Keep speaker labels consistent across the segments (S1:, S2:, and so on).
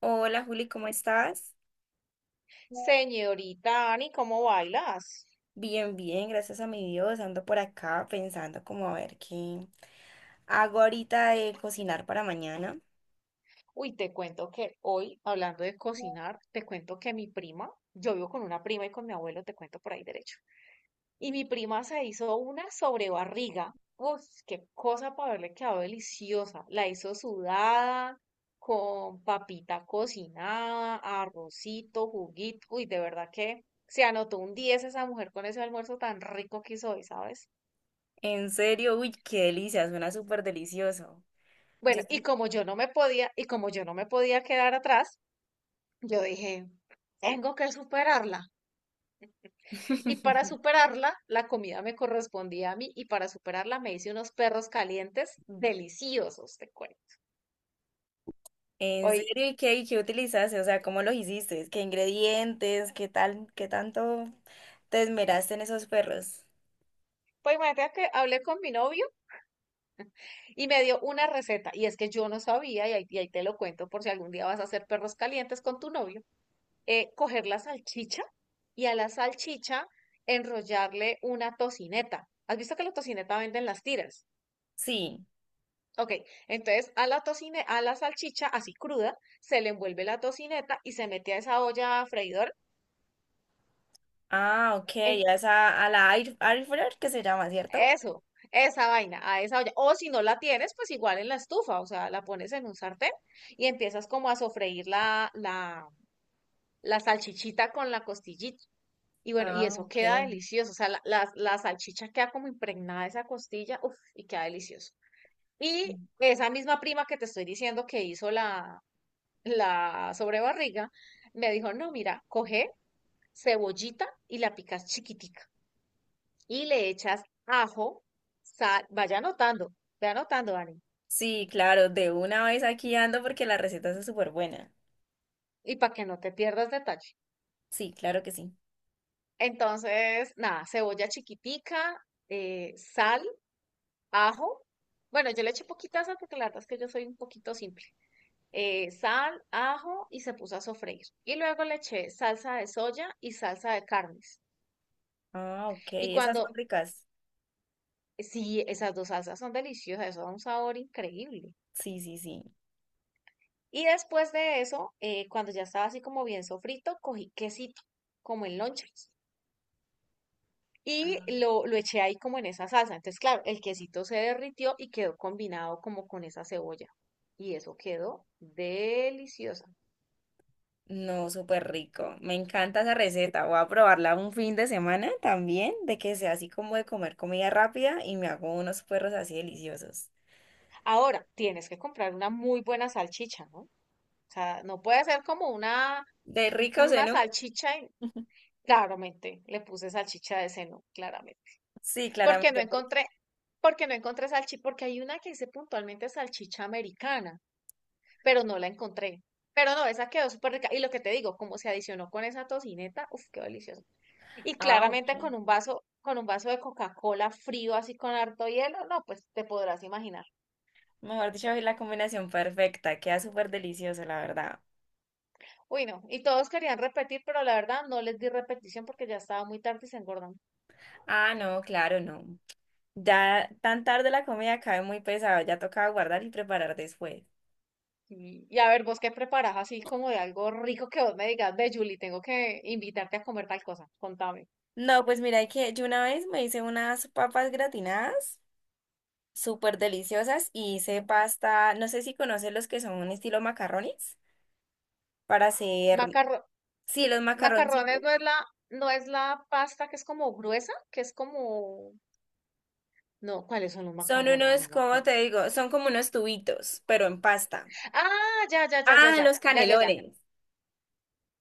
S1: Hola Juli, ¿cómo estás?
S2: Señorita Ani, ¿cómo bailas?
S1: Bien, bien, gracias a mi Dios. Ando por acá pensando como a ver qué hago ahorita de cocinar para mañana.
S2: Uy, te cuento que hoy, hablando de cocinar, te cuento que mi prima, yo vivo con una prima y con mi abuelo, te cuento por ahí derecho. Y mi prima se hizo una sobrebarriga. Uf, qué cosa para haberle quedado deliciosa. La hizo sudada, con papita cocinada, arrocito, juguito. Uy, de verdad que se anotó un 10 esa mujer con ese almuerzo tan rico que hizo hoy, ¿sabes?
S1: En serio, uy, qué delicia, suena súper delicioso. Yo
S2: Bueno, y
S1: sí.
S2: como yo no me podía, y como yo no me podía quedar atrás, yo dije, tengo que superarla. Y para superarla, la comida me correspondía a mí, y para superarla me hice unos perros calientes deliciosos, te cuento.
S1: En
S2: Hoy,
S1: serio, ¿y qué utilizaste? O sea, ¿cómo lo hiciste? ¿Qué ingredientes? ¿Qué tal? ¿Qué tanto te esmeraste en esos perros?
S2: pues imagínate que hablé con mi novio y me dio una receta, y es que yo no sabía, y ahí te lo cuento por si algún día vas a hacer perros calientes con tu novio, coger la salchicha y a la salchicha enrollarle una tocineta. ¿Has visto que la tocineta venden las tiras?
S1: Sí.
S2: Ok, entonces a la salchicha así cruda, se le envuelve la tocineta y se mete a esa olla freidor.
S1: Ah, ok,
S2: En
S1: ya es a la air fryer que se llama, ¿cierto?
S2: eso, esa vaina, a esa olla. O si no la tienes, pues igual en la estufa, o sea, la pones en un sartén y empiezas como a sofreír la salchichita con la costillita. Y bueno, y
S1: Ah,
S2: eso
S1: ok.
S2: queda delicioso, o sea, la salchicha queda como impregnada de esa costilla, uff, y queda delicioso. Y esa misma prima que te estoy diciendo que hizo la sobrebarriga, me dijo, no, mira, coge cebollita y la picas chiquitica y le echas ajo, sal, vaya anotando, ve anotando, Dani,
S1: Sí, claro, de una vez aquí ando porque la receta es súper buena.
S2: y para que no te pierdas detalle.
S1: Sí, claro que sí.
S2: Entonces, nada, cebolla chiquitica, sal, ajo. Bueno, yo le eché poquita sal porque la verdad es que yo soy un poquito simple. Sal, ajo y se puso a sofreír. Y luego le eché salsa de soya y salsa de carnes.
S1: Ah, ok,
S2: Y
S1: esas son
S2: cuando
S1: ricas.
S2: Sí, esas dos salsas son deliciosas, eso da un sabor increíble.
S1: Sí, sí, sí.
S2: Y después de eso, cuando ya estaba así como bien sofrito, cogí quesito, como en lonchas, y lo eché ahí como en esa salsa. Entonces, claro, el quesito se derritió y quedó combinado como con esa cebolla. Y eso quedó deliciosa.
S1: No, súper rico. Me encanta esa receta. Voy a probarla un fin de semana también, de que sea así como de comer comida rápida y me hago unos puerros así deliciosos.
S2: Ahora, tienes que comprar una muy buena salchicha, ¿no? O sea, no puede ser como
S1: ¿De ricos
S2: una
S1: en uno?
S2: salchicha y claramente le puse salchicha de seno, claramente.
S1: Sí,
S2: Porque no
S1: claramente.
S2: encontré, porque no encontré salchicha, porque hay una que dice puntualmente salchicha americana, pero no la encontré. Pero no, esa quedó súper rica. Y lo que te digo, como se adicionó con esa tocineta, uff, qué delicioso. Y
S1: Ah,
S2: claramente
S1: ok.
S2: con un vaso de Coca-Cola frío, así con harto hielo, no, pues te podrás imaginar.
S1: Mejor dicho, es la combinación perfecta. Queda súper delicioso, la verdad.
S2: Uy, no. Y todos querían repetir, pero la verdad no les di repetición porque ya estaba muy tarde y se engordan.
S1: Ah, no, claro, no. Ya tan tarde la comida cae muy pesado, ya tocaba guardar y preparar después.
S2: Y a ver, vos qué preparás así como de algo rico que vos me digas, ve, Julie, tengo que invitarte a comer tal cosa. Contame.
S1: No, pues mira, que yo una vez me hice unas papas gratinadas súper deliciosas y hice pasta, no sé si conoces los que son un estilo macarrones, para hacer,
S2: Macarro
S1: sí, los macarroncitos.
S2: Macarrones no es no es la pasta que es como gruesa, que es como, no, ¿cuáles son los
S1: Son
S2: macarrones?
S1: unos,
S2: No me
S1: ¿cómo
S2: acuerdo.
S1: te digo? Son como unos tubitos, pero en pasta.
S2: Ah, ya, ya, ya, ya,
S1: Ah,
S2: ya,
S1: los
S2: ya, ya,
S1: canelones.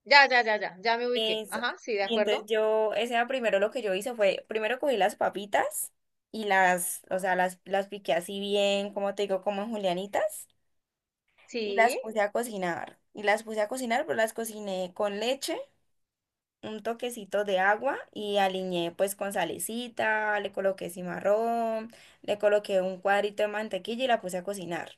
S2: ya, ya, ya, ya, ya, ya me ubiqué.
S1: Eso.
S2: Ajá, sí, de
S1: Y entonces
S2: acuerdo.
S1: yo, ese era primero lo que yo hice fue, primero cogí las papitas y las, o sea, las piqué así bien, como te digo, como en julianitas, y las
S2: Sí,
S1: puse a cocinar. Y las puse a cocinar, pero las cociné con leche, un toquecito de agua y aliñé pues con salecita, le coloqué cimarrón, le coloqué un cuadrito de mantequilla y la puse a cocinar.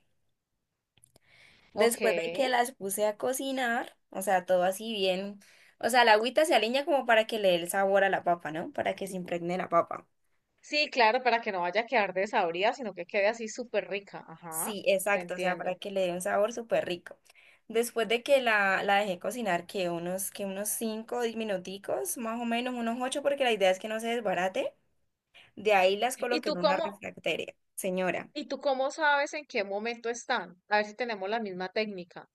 S2: ok.
S1: Después de que las puse a cocinar, o sea, todo así bien. O sea, la agüita se aliña como para que le dé el sabor a la papa, ¿no? Para que se impregne la papa.
S2: Sí, claro, para que no vaya a quedar desabrida, sino que quede así súper rica. Ajá,
S1: Sí,
S2: te
S1: exacto, o sea, para
S2: entiendo.
S1: que le dé un sabor súper rico. Después de que la dejé cocinar, que unos 5 minuticos, más o menos unos 8 porque la idea es que no se desbarate. De ahí las
S2: ¿Y
S1: coloqué
S2: tú
S1: en una
S2: cómo,
S1: refractaria. Señora,
S2: ¿y tú cómo sabes en qué momento están? A ver si tenemos la misma técnica.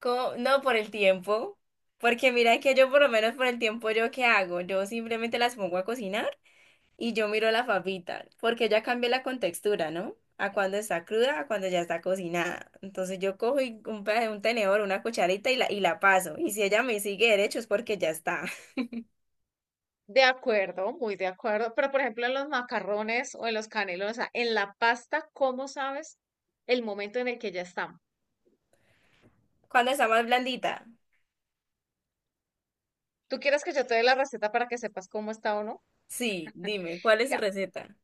S1: ¿Co? no por el tiempo, porque mira que yo por lo menos por el tiempo, ¿yo qué hago? Yo simplemente las pongo a cocinar. Y yo miro la papita, porque ya cambié la contextura, ¿no? A cuando está cruda, a cuando ya está cocinada. Entonces yo cojo y un tenedor, una cucharita y la paso. Y si ella me sigue derecho es porque ya está.
S2: De acuerdo, muy de acuerdo. Pero, por ejemplo, en los macarrones o en los canelones, o sea, en la pasta, ¿cómo sabes el momento en el que ya están?
S1: ¿Cuando está más blandita?
S2: ¿Tú quieres que yo te dé la receta para que sepas cómo está o no?
S1: Sí, dime, ¿cuál es su
S2: Mira,
S1: receta?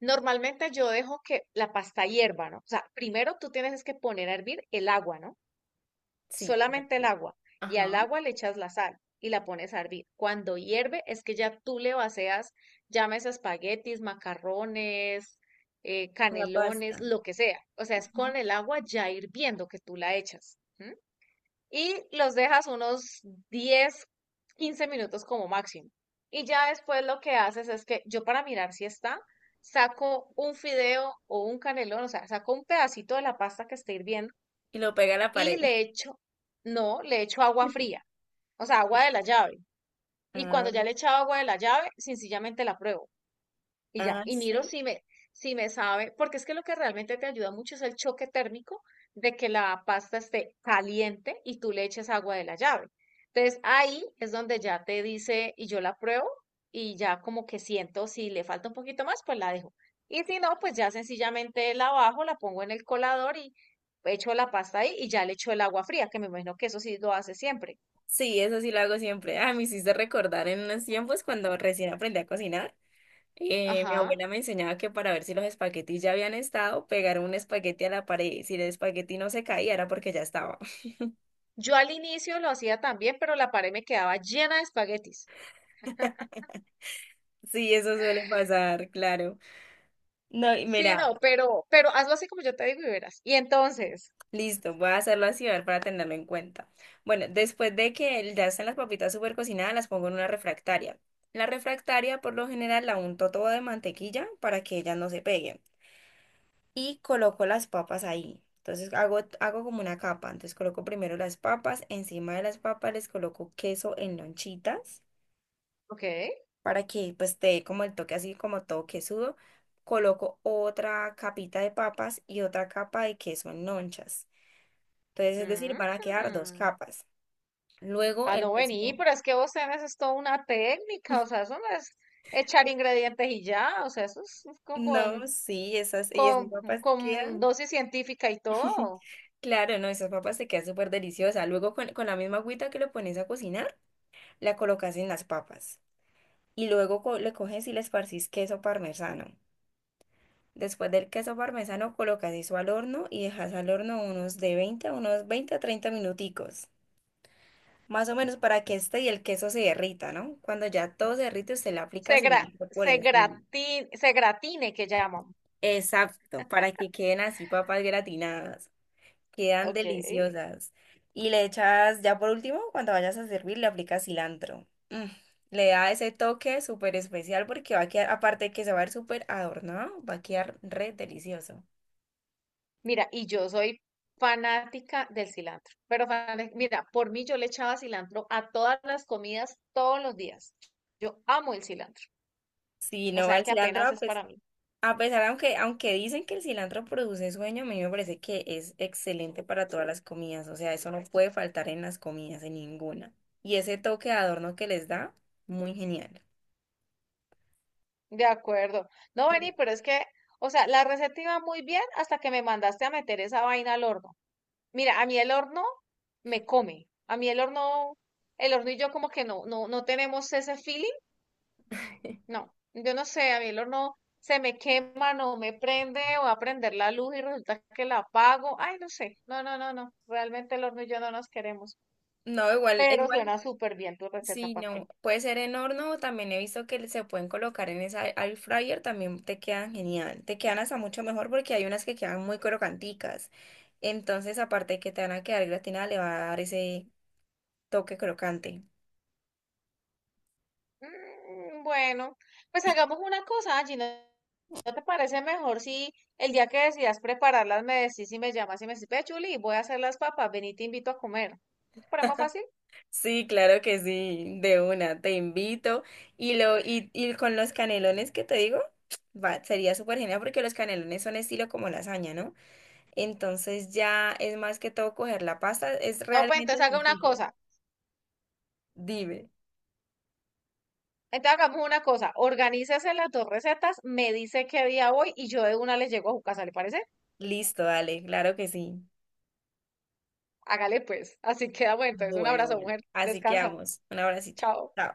S2: normalmente yo dejo que la pasta hierva, ¿no? O sea, primero tú tienes es que poner a hervir el agua, ¿no?
S1: Sí. Claro que
S2: Solamente el
S1: sí.
S2: agua, y al
S1: Ajá.
S2: agua le echas la sal y la pones a hervir. Cuando hierve es que ya tú le vacías, llames espaguetis, macarrones,
S1: La
S2: canelones,
S1: pasta.
S2: lo que sea. O sea, es
S1: Ujú.
S2: con el agua ya hirviendo que tú la echas. ¿M? Y los dejas unos 10, 15 minutos como máximo. Y ya después lo que haces es que yo para mirar si está, saco un fideo o un canelón, o sea, saco un pedacito de la pasta que esté hirviendo
S1: Y lo pega a la
S2: y
S1: pared.
S2: le echo, no, le echo agua fría, o sea, agua de la llave. Y cuando
S1: Ah,
S2: ya le he echado agua de la llave, sencillamente la pruebo y ya.
S1: ah,
S2: Y miro
S1: sí.
S2: si me sabe, porque es que lo que realmente te ayuda mucho es el choque térmico de que la pasta esté caliente y tú le eches agua de la llave. Entonces ahí es donde ya te dice y yo la pruebo y ya como que siento si le falta un poquito más, pues la dejo. Y si no, pues ya sencillamente la bajo, la pongo en el colador y echo la pasta ahí y ya le echo el agua fría, que me imagino que eso sí lo hace siempre.
S1: Sí, eso sí lo hago siempre. Ah, me hiciste recordar en unos tiempos cuando recién aprendí a cocinar. Mi
S2: Ajá.
S1: abuela me enseñaba que para ver si los espaguetis ya habían estado, pegar un espagueti a la pared, y si el espagueti no se caía, era porque ya estaba.
S2: Yo al inicio lo hacía también, pero la pared me quedaba llena de espaguetis.
S1: Sí, eso suele pasar, claro. No, y
S2: Sí,
S1: mira,
S2: no, pero hazlo así como yo te digo y verás. Y entonces,
S1: listo, voy a hacerlo así a ver, para tenerlo en cuenta. Bueno, después de que ya están las papitas súper cocinadas, las pongo en una refractaria. La refractaria, por lo general, la unto todo de mantequilla para que ellas no se peguen, y coloco las papas ahí. Entonces hago como una capa. Entonces coloco primero las papas, encima de las papas les coloco queso en lonchitas
S2: ok.
S1: para que pues te dé como el toque así como todo quesudo. Coloco otra capita de papas y otra capa de queso en lonchas. Entonces, es decir, van a quedar dos
S2: Ujú.
S1: capas. Luego
S2: Ah,
S1: el
S2: no, vení,
S1: queso.
S2: pero es que vos tenés es toda una técnica, o sea, eso no es echar ingredientes y ya, o sea, eso es
S1: No, sí, esas, y esas papas
S2: con
S1: quedan.
S2: dosis científica y todo.
S1: Claro, no, esas papas te quedan súper deliciosas. Luego con la misma agüita que lo pones a cocinar, la colocas en las papas. Y luego le coges y le esparcís queso parmesano. Después del queso parmesano colocas eso al horno y dejas al horno unos de 20 a unos 20 a 30 minuticos. Más o menos para que este y el queso se derrita, ¿no? Cuando ya todo se derrite, usted le aplica
S2: Se gra,
S1: cilantro por encima.
S2: se gratine que llaman.
S1: Exacto, para que queden así papas gratinadas. Quedan
S2: Ok.
S1: deliciosas. Y le echas, ya por último, cuando vayas a servir, le aplicas cilantro. Mm. Le da ese toque súper especial porque va a quedar, aparte de que se va a ver súper adornado, va a quedar re delicioso.
S2: Mira, y yo soy fanática del cilantro, pero fana- mira, por mí yo le echaba cilantro a todas las comidas todos los días. Yo amo el cilantro,
S1: Si
S2: o
S1: no va
S2: sea
S1: el
S2: que
S1: cilantro,
S2: apenas
S1: a
S2: es
S1: pes-
S2: para mí.
S1: a pesar, aunque dicen que el cilantro produce sueño, a mí me parece que es excelente para todas las comidas. O sea, eso no puede faltar en las comidas, en ninguna. Y ese toque de adorno que les da, muy genial.
S2: De acuerdo. No,
S1: Mira,
S2: Beni, pero es que, o sea, la receta iba muy bien hasta que me mandaste a meter esa vaina al horno. Mira, a mí el horno me come. A mí el horno y yo como que no, no tenemos ese feeling. No, yo no sé, a mí el horno se me quema, no me prende, o a prender la luz y resulta que la apago. Ay, no sé, no, no, no, no, realmente el horno y yo no nos queremos,
S1: no, igual,
S2: pero
S1: igual.
S2: suena súper bien tu receta,
S1: Sí,
S2: ¿para qué?
S1: no, puede ser en horno, o también he visto que se pueden colocar en esa air fryer, también te quedan genial, te quedan hasta mucho mejor porque hay unas que quedan muy crocanticas, entonces aparte de que te van a quedar gratinadas, le va a dar ese toque crocante.
S2: Mm, bueno, pues hagamos una cosa, Angie, ¿no te parece mejor si el día que decidas prepararlas me decís y me llamas y me decís, ve, Chuli, voy a hacer las papas, ven y te invito a comer? ¿No te parece más fácil?
S1: Sí, claro que sí, de una, te invito, y con los canelones que te digo, va, sería súper genial porque los canelones son estilo como lasaña, ¿no? Entonces ya es más que todo coger la pasta, es
S2: No, pues
S1: realmente
S2: entonces haga una
S1: sencillo,
S2: cosa.
S1: dime.
S2: Entonces hagamos una cosa, organícese las dos recetas, me dice qué día voy y yo de una les llego a su casa, ¿le parece?
S1: Listo, dale, claro que sí.
S2: Hágale pues, así quedamos entonces. Un
S1: Bueno,
S2: abrazo,
S1: vale.
S2: mujer,
S1: Así que
S2: descansa,
S1: vamos. Un abracito.
S2: chao.
S1: Chao.